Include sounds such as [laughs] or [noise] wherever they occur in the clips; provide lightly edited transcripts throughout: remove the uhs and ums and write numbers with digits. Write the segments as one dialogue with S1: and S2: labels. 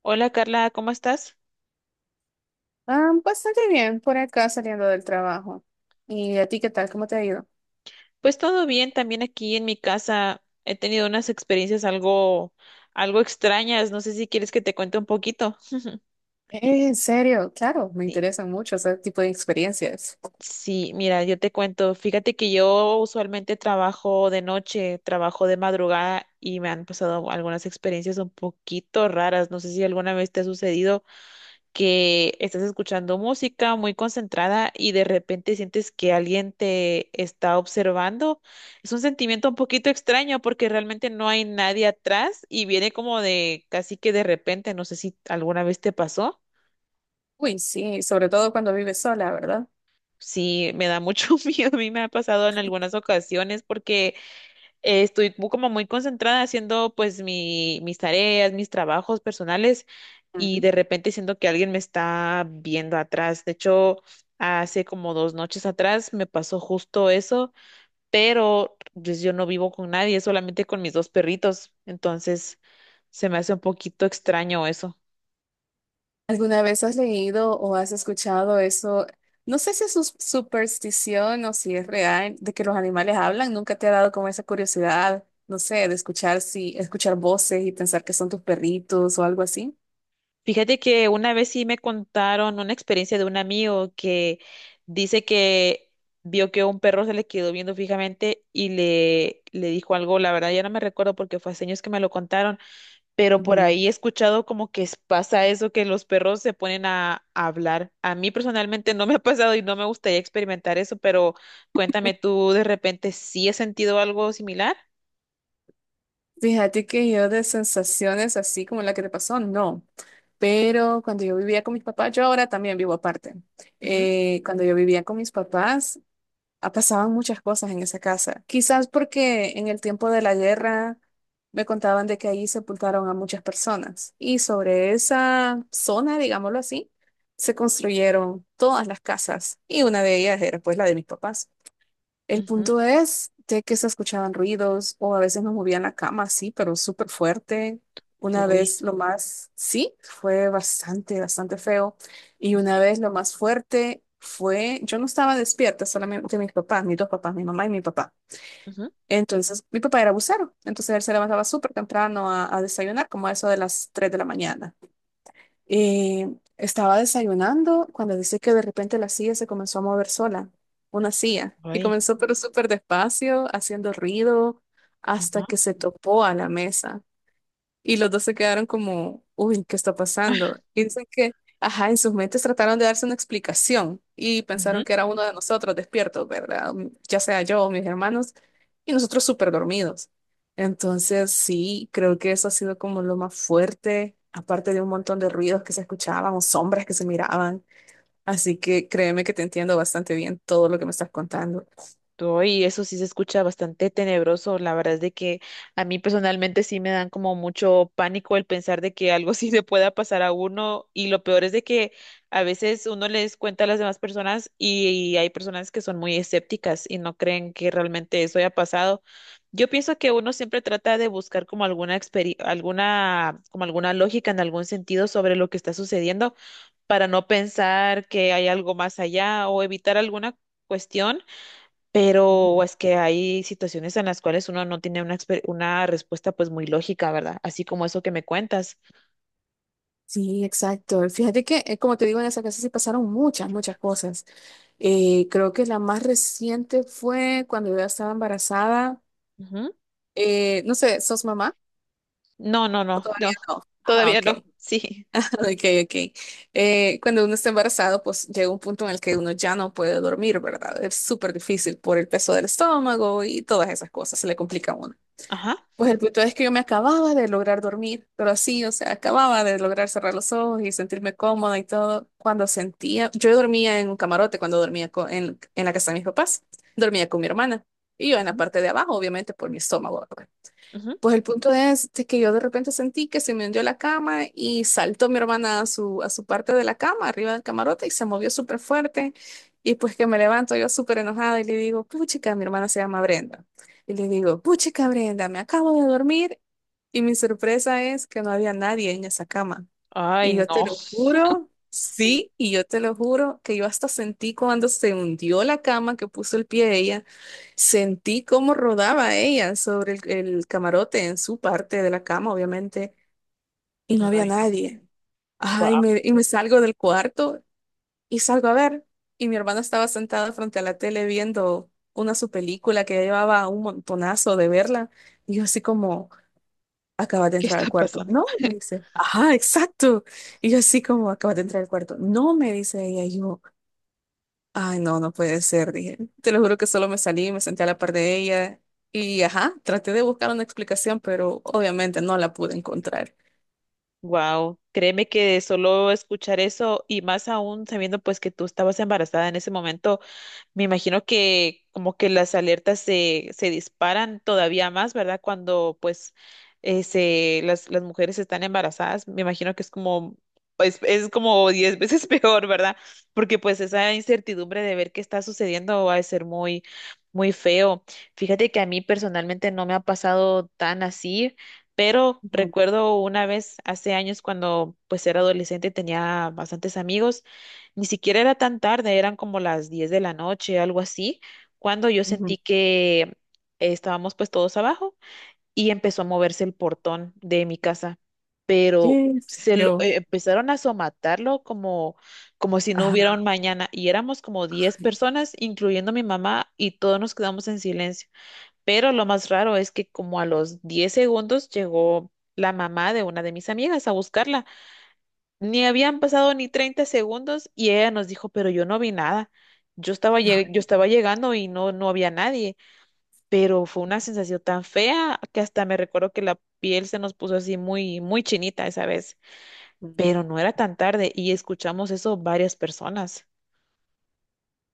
S1: Hola Carla, ¿cómo estás?
S2: Ah, bastante bien, por acá saliendo del trabajo. ¿Y a ti qué tal? ¿Cómo te ha ido?
S1: Pues todo bien, también aquí en mi casa he tenido unas experiencias algo extrañas, no sé si quieres que te cuente un poquito.
S2: En serio, claro, me
S1: Sí,
S2: interesan mucho ese tipo de experiencias.
S1: sí, mira, yo te cuento, fíjate que yo usualmente trabajo de noche, trabajo de madrugada y me han pasado algunas experiencias un poquito raras, no sé si alguna vez te ha sucedido que estás escuchando música muy concentrada y de repente sientes que alguien te está observando. Es un sentimiento un poquito extraño porque realmente no hay nadie atrás y viene como de casi que de repente, no sé si alguna vez te pasó.
S2: Uy, sí, sobre todo cuando vives sola, ¿verdad?
S1: Sí, me da mucho [laughs] miedo, a mí me ha pasado en algunas ocasiones porque estoy como muy concentrada haciendo pues mis tareas, mis trabajos personales y
S2: Ujú.
S1: de repente siento que alguien me está viendo atrás. De hecho, hace como dos noches atrás me pasó justo eso, pero pues, yo no vivo con nadie, solamente con mis dos perritos. Entonces se me hace un poquito extraño eso.
S2: ¿Alguna vez has leído o has escuchado eso? No sé si es superstición o si es real de que los animales hablan. ¿Nunca te ha dado como esa curiosidad, no sé, de escuchar si escuchar voces y pensar que son tus perritos o algo así?
S1: Fíjate que una vez sí me contaron una experiencia de un amigo que dice que vio que un perro se le quedó viendo fijamente y le dijo algo, la verdad ya no me recuerdo porque fue hace años que me lo contaron, pero por ahí he escuchado como que pasa eso, que los perros se ponen a hablar. A mí personalmente no me ha pasado y no me gustaría experimentar eso, pero cuéntame tú de repente sí has sentido algo similar.
S2: Fíjate que yo de sensaciones así como la que te pasó, no. Pero cuando yo vivía con mis papás, yo ahora también vivo aparte.
S1: Ujú,
S2: Cuando yo vivía con mis papás, pasaban muchas cosas en esa casa. Quizás porque en el tiempo de la guerra me contaban de que ahí sepultaron a muchas personas. Y sobre esa zona, digámoslo así, se construyeron todas las casas. Y una de ellas era pues la de mis papás. El punto
S1: ujú.
S2: es de que se escuchaban ruidos o a veces nos movían la cama, sí, pero súper fuerte. Una
S1: Uy,
S2: vez lo más, sí, fue bastante, bastante feo. Y una vez lo más fuerte fue, yo no estaba despierta, solamente mis papás, mis dos papás, mi mamá y mi papá.
S1: ujú,
S2: Entonces, mi papá era bucero, entonces él se levantaba súper temprano a desayunar, como a eso de las 3 de la mañana. Eh, estaba desayunando cuando dice que de repente la silla se comenzó a mover sola, una silla, y
S1: uy,
S2: comenzó pero súper despacio, haciendo ruido, hasta
S1: ajá,
S2: que se topó a la mesa. Y los dos se quedaron como, uy, ¿qué está pasando? Y dicen que, ajá, en sus mentes trataron de darse una explicación y
S1: ujú.
S2: pensaron que era uno de nosotros despiertos, ¿verdad? Ya sea yo o mis hermanos, y nosotros súper dormidos. Entonces, sí, creo que eso ha sido como lo más fuerte, aparte de un montón de ruidos que se escuchaban o sombras que se miraban. Así que créeme que te entiendo bastante bien todo lo que me estás contando.
S1: Y eso sí se escucha bastante tenebroso. La verdad es de que a mí personalmente sí me dan como mucho pánico el pensar de que algo [laughs] sí le pueda pasar a uno. Y lo peor es de que a veces uno les cuenta a las demás personas y hay personas que son muy escépticas y no creen que realmente eso haya pasado. Yo pienso que uno siempre trata de buscar como alguna como alguna lógica en algún sentido sobre lo que está sucediendo para no pensar que hay algo más allá o evitar alguna cuestión,
S2: Ujú.
S1: pero es que hay situaciones en las cuales uno no tiene una respuesta pues muy lógica, ¿verdad? Así como eso que me cuentas.
S2: Sí, exacto. Fíjate que, como te digo, en esa casa sí pasaron muchas, muchas cosas. Creo que la más reciente fue cuando yo ya estaba embarazada.
S1: Ujú.
S2: No sé, ¿sos mamá?
S1: No, no,
S2: ¿O
S1: no, no,
S2: todavía no? Ah,
S1: todavía
S2: ok.
S1: no, [laughs] sí.
S2: Ok, ok. Cuando uno está embarazado, pues llega un punto en el que uno ya no puede dormir, ¿verdad? Es súper difícil por el peso del estómago y todas esas cosas, se le complica a uno.
S1: Ajá.
S2: Pues el punto es que yo me acababa de lograr dormir, pero así, o sea, acababa de lograr cerrar los ojos y sentirme cómoda y todo. Cuando sentía, yo dormía en un camarote cuando dormía en la casa de mis papás, dormía con mi hermana y yo en la
S1: Ujú,
S2: parte de abajo, obviamente por mi estómago.
S1: ujú.
S2: Pues el punto es de que yo de repente sentí que se me hundió la cama y saltó mi hermana a su parte de la cama, arriba del camarote, y se movió súper fuerte. Y pues que me levanto yo súper enojada y le digo, puchica, mi hermana se llama Brenda. Y le digo, puchica, Brenda, me acabo de dormir. Y mi sorpresa es que no había nadie en esa cama.
S1: Ay,
S2: Y yo te
S1: no,
S2: lo juro, sí, y yo te lo juro que yo hasta sentí cuando se hundió la cama que puso el pie ella, sentí cómo rodaba ella sobre el camarote en su parte de la cama, obviamente, y no había
S1: ay, no,
S2: nadie. Ay,
S1: wow,
S2: me,
S1: [laughs]
S2: y me salgo del cuarto y salgo a ver. Y mi hermana estaba sentada frente a la tele viendo una su película que ya llevaba un montonazo de verla. Y yo así como acabas de
S1: ¿qué
S2: entrar
S1: está
S2: al cuarto.
S1: pasando?
S2: No, me
S1: [laughs]
S2: dice, ajá, exacto. Y yo así como, acabas de entrar al cuarto. No, me dice ella, y yo, ay, no, no puede ser, dije. Te lo juro que solo me salí, me senté a la par de ella y, ajá, traté de buscar una explicación, pero obviamente no la pude encontrar.
S1: Wow, créeme que solo escuchar eso y más aún sabiendo pues que tú estabas embarazada en ese momento, me imagino que como que las alertas se disparan todavía más, ¿verdad? Cuando pues las mujeres están embarazadas, me imagino que es como, pues es como 10 veces [laughs] peor, ¿verdad? Porque pues esa incertidumbre de ver qué está sucediendo va a ser muy, muy feo. Fíjate que a mí personalmente no me ha pasado tan así, pero
S2: Ujú,
S1: recuerdo una vez hace años cuando pues era adolescente, tenía bastantes amigos. Ni siquiera era tan tarde, eran como las 10 de la noche, algo así, cuando yo
S2: ujú.
S1: sentí que estábamos pues todos abajo y empezó a moverse el portón de mi casa, pero
S2: ¿Qué sé yo?
S1: empezaron a somatarlo como, como si no hubiera un
S2: Ajá.
S1: mañana, y éramos como 10
S2: Ay,
S1: personas, incluyendo mi mamá, y todos nos quedamos en silencio. Pero lo más raro es que como a los 10 segundos llegó la mamá de una de mis amigas a buscarla. Ni habían pasado ni 30 segundos y ella nos dijo, pero yo no vi nada. Yo estaba,
S2: no,
S1: yo estaba llegando y no, no había nadie, pero fue una sensación tan fea que hasta me recuerdo que la piel se nos puso así muy, muy chinita esa vez,
S2: no.
S1: pero no era tan tarde y escuchamos eso varias personas.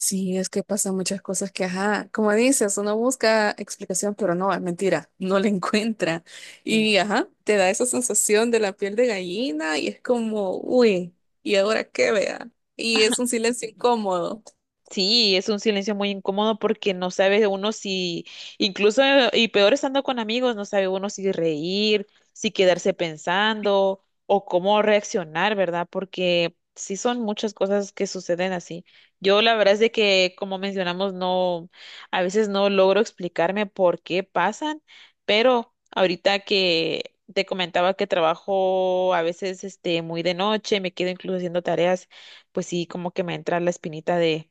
S2: Sí, es que pasan muchas cosas que, ajá, como dices, uno busca explicación, pero no, es mentira, [laughs] no la encuentra. Y, ajá, te da esa sensación de la piel de gallina y es como, uy, ¿y ahora qué vea? Y es un silencio incómodo.
S1: Sí, es un silencio muy incómodo porque no sabe uno si, incluso, y peor estando con amigos, no sabe uno si reír, si quedarse pensando o cómo reaccionar, ¿verdad? Porque sí son muchas cosas que suceden así. Yo la verdad es de que, como mencionamos, no, a veces no logro explicarme por qué pasan, pero ahorita que te comentaba que trabajo a veces este muy de noche, me quedo incluso haciendo tareas, pues sí, como que me entra la espinita de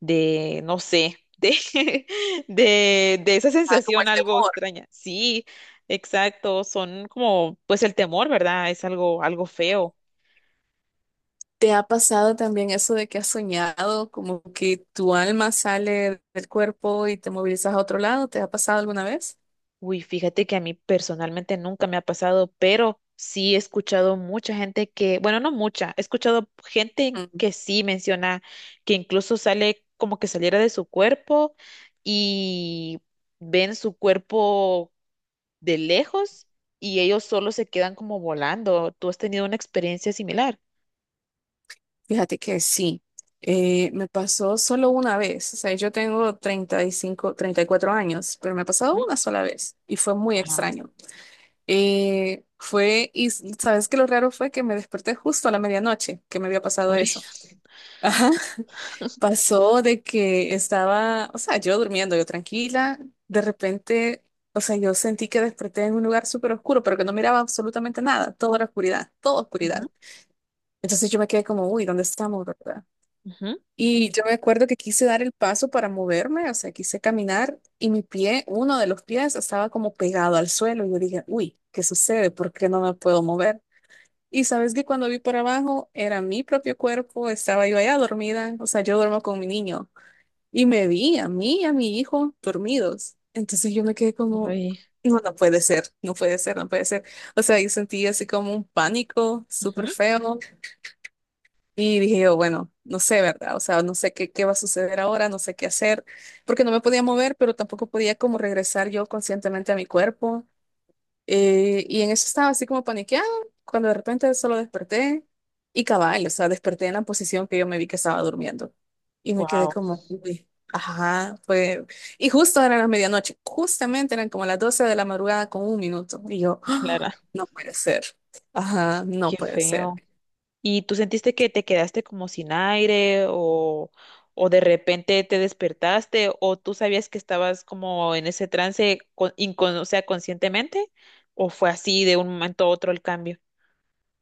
S1: de, no sé, [laughs] de esa
S2: Ah, como
S1: sensación
S2: el
S1: algo
S2: temor.
S1: extraña. Sí, exacto, son como, pues el temor, ¿verdad? Es algo, algo feo.
S2: ¿Te ha pasado también eso de que has soñado, como que tu alma sale del cuerpo y te movilizas a otro lado? ¿Te ha pasado alguna vez?
S1: Uy, fíjate que a mí personalmente nunca me ha pasado, pero sí he escuchado mucha gente que, bueno, no mucha, he escuchado gente que sí menciona que incluso sale como que saliera de su cuerpo y ven su cuerpo de lejos y ellos solo se quedan como volando. ¿Tú has tenido una experiencia similar?
S2: Fíjate que sí, me pasó solo una vez, o sea, yo tengo treinta y cinco, 34 años, pero me ha pasado
S1: Ujú.
S2: una sola vez y fue muy
S1: Ajá.
S2: extraño. Sabes que lo raro fue que me desperté justo a la medianoche, que me había pasado
S1: Uy.
S2: eso. [laughs] Ajá, pasó de que estaba, o sea, yo durmiendo, yo tranquila, de repente, o sea, yo sentí que desperté en un lugar súper oscuro, pero que no miraba absolutamente nada, toda la oscuridad, toda
S1: Ujú,
S2: oscuridad. Entonces yo me quedé como, uy, ¿dónde estamos, verdad?
S1: ujú,
S2: Y yo me acuerdo que quise dar el paso para moverme, o sea, quise caminar y mi pie, uno de los pies, estaba como pegado al suelo. Y yo dije, uy, ¿qué sucede? ¿Por qué no me puedo mover? Y sabes que cuando vi para abajo era mi propio cuerpo, estaba yo allá dormida, o sea, yo duermo con mi niño. Y me vi a mí y a mi hijo dormidos. Entonces yo me quedé como,
S1: uy,
S2: no, no puede ser, no puede ser, no puede ser. O sea, yo sentí así como un pánico súper
S1: ujú.
S2: feo. Y dije yo, bueno, no sé, ¿verdad? O sea, no sé qué va a suceder ahora, no sé qué hacer, porque no me podía mover, pero tampoco podía como regresar yo conscientemente a mi cuerpo. Y en eso estaba así como paniqueado, cuando de repente solo desperté y cabal, o sea, desperté en la posición que yo me vi que estaba durmiendo. Y me quedé
S1: Guau,
S2: como, uy, ajá, fue. Y justo era la medianoche, justamente eran como las 12 de la madrugada con 1 minuto. Y yo,
S1: la
S2: ¡ah! No puede ser, ajá,
S1: qué
S2: no puede
S1: feo.
S2: ser.
S1: ¿Y tú sentiste que te quedaste como sin aire o de repente te despertaste o tú sabías que estabas como en ese trance, o sea, conscientemente? ¿O fue así de un momento a otro el cambio?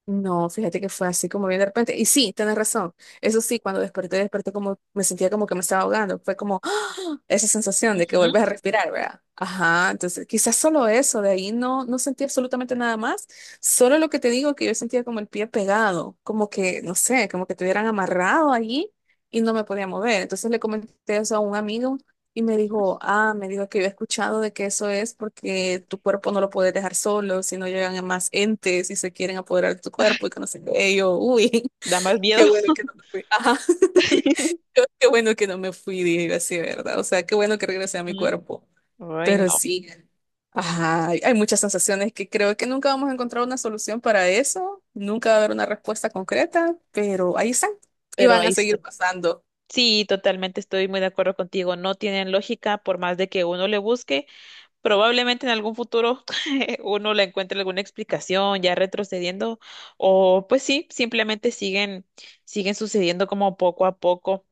S2: No, fíjate que fue así como bien de repente. Y sí, tienes razón. Eso sí, cuando desperté, desperté como, me sentía como que me estaba ahogando. Fue como ¡ah! Esa sensación de que
S1: Ujú.
S2: vuelves a respirar, ¿verdad? Ajá, entonces quizás solo eso, de ahí no, no sentí absolutamente nada más. Solo lo que te digo, que yo sentía como el pie pegado, como que, no sé, como que te hubieran amarrado allí y no me podía mover. Entonces le comenté eso a un amigo y me dijo que yo he escuchado de que eso es porque tu cuerpo no lo puedes dejar solo, si no llegan más entes y se quieren apoderar de tu cuerpo y que no sé qué. Y yo, uy,
S1: Da más
S2: [laughs]
S1: miedo.
S2: qué bueno que no me fui. Ajá. [laughs]
S1: [laughs]
S2: Qué bueno que no me fui, dije yo así, ¿verdad? O sea, qué bueno que regresé a mi
S1: Ujú.
S2: cuerpo.
S1: Ay, no,
S2: Pero sí, ajá, hay muchas sensaciones que creo que nunca vamos a encontrar una solución para eso, nunca va a haber una respuesta concreta, pero ahí están y
S1: pero
S2: van a
S1: ahí está.
S2: seguir pasando.
S1: Sí, totalmente estoy muy de acuerdo contigo. No tienen lógica por más de que uno le busque. Probablemente en algún futuro [laughs] uno le encuentre alguna explicación ya retrocediendo o pues sí, simplemente siguen sucediendo como poco a poco.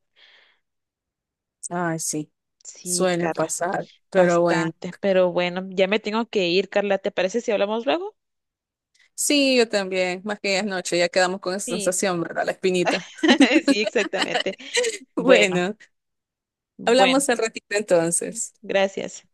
S2: Ay, sí,
S1: Sí,
S2: suelen
S1: Carla,
S2: pasar, pero bueno.
S1: bastante. Pero bueno, ya me tengo que ir, Carla. ¿Te parece si hablamos luego?
S2: Sí, yo también, más que es noche, ya quedamos con esa
S1: Sí,
S2: sensación, ¿verdad? La espinita. [laughs]
S1: [laughs] sí, exactamente. Bueno,
S2: Bueno,
S1: bueno,
S2: hablamos al ratito entonces.
S1: gracias.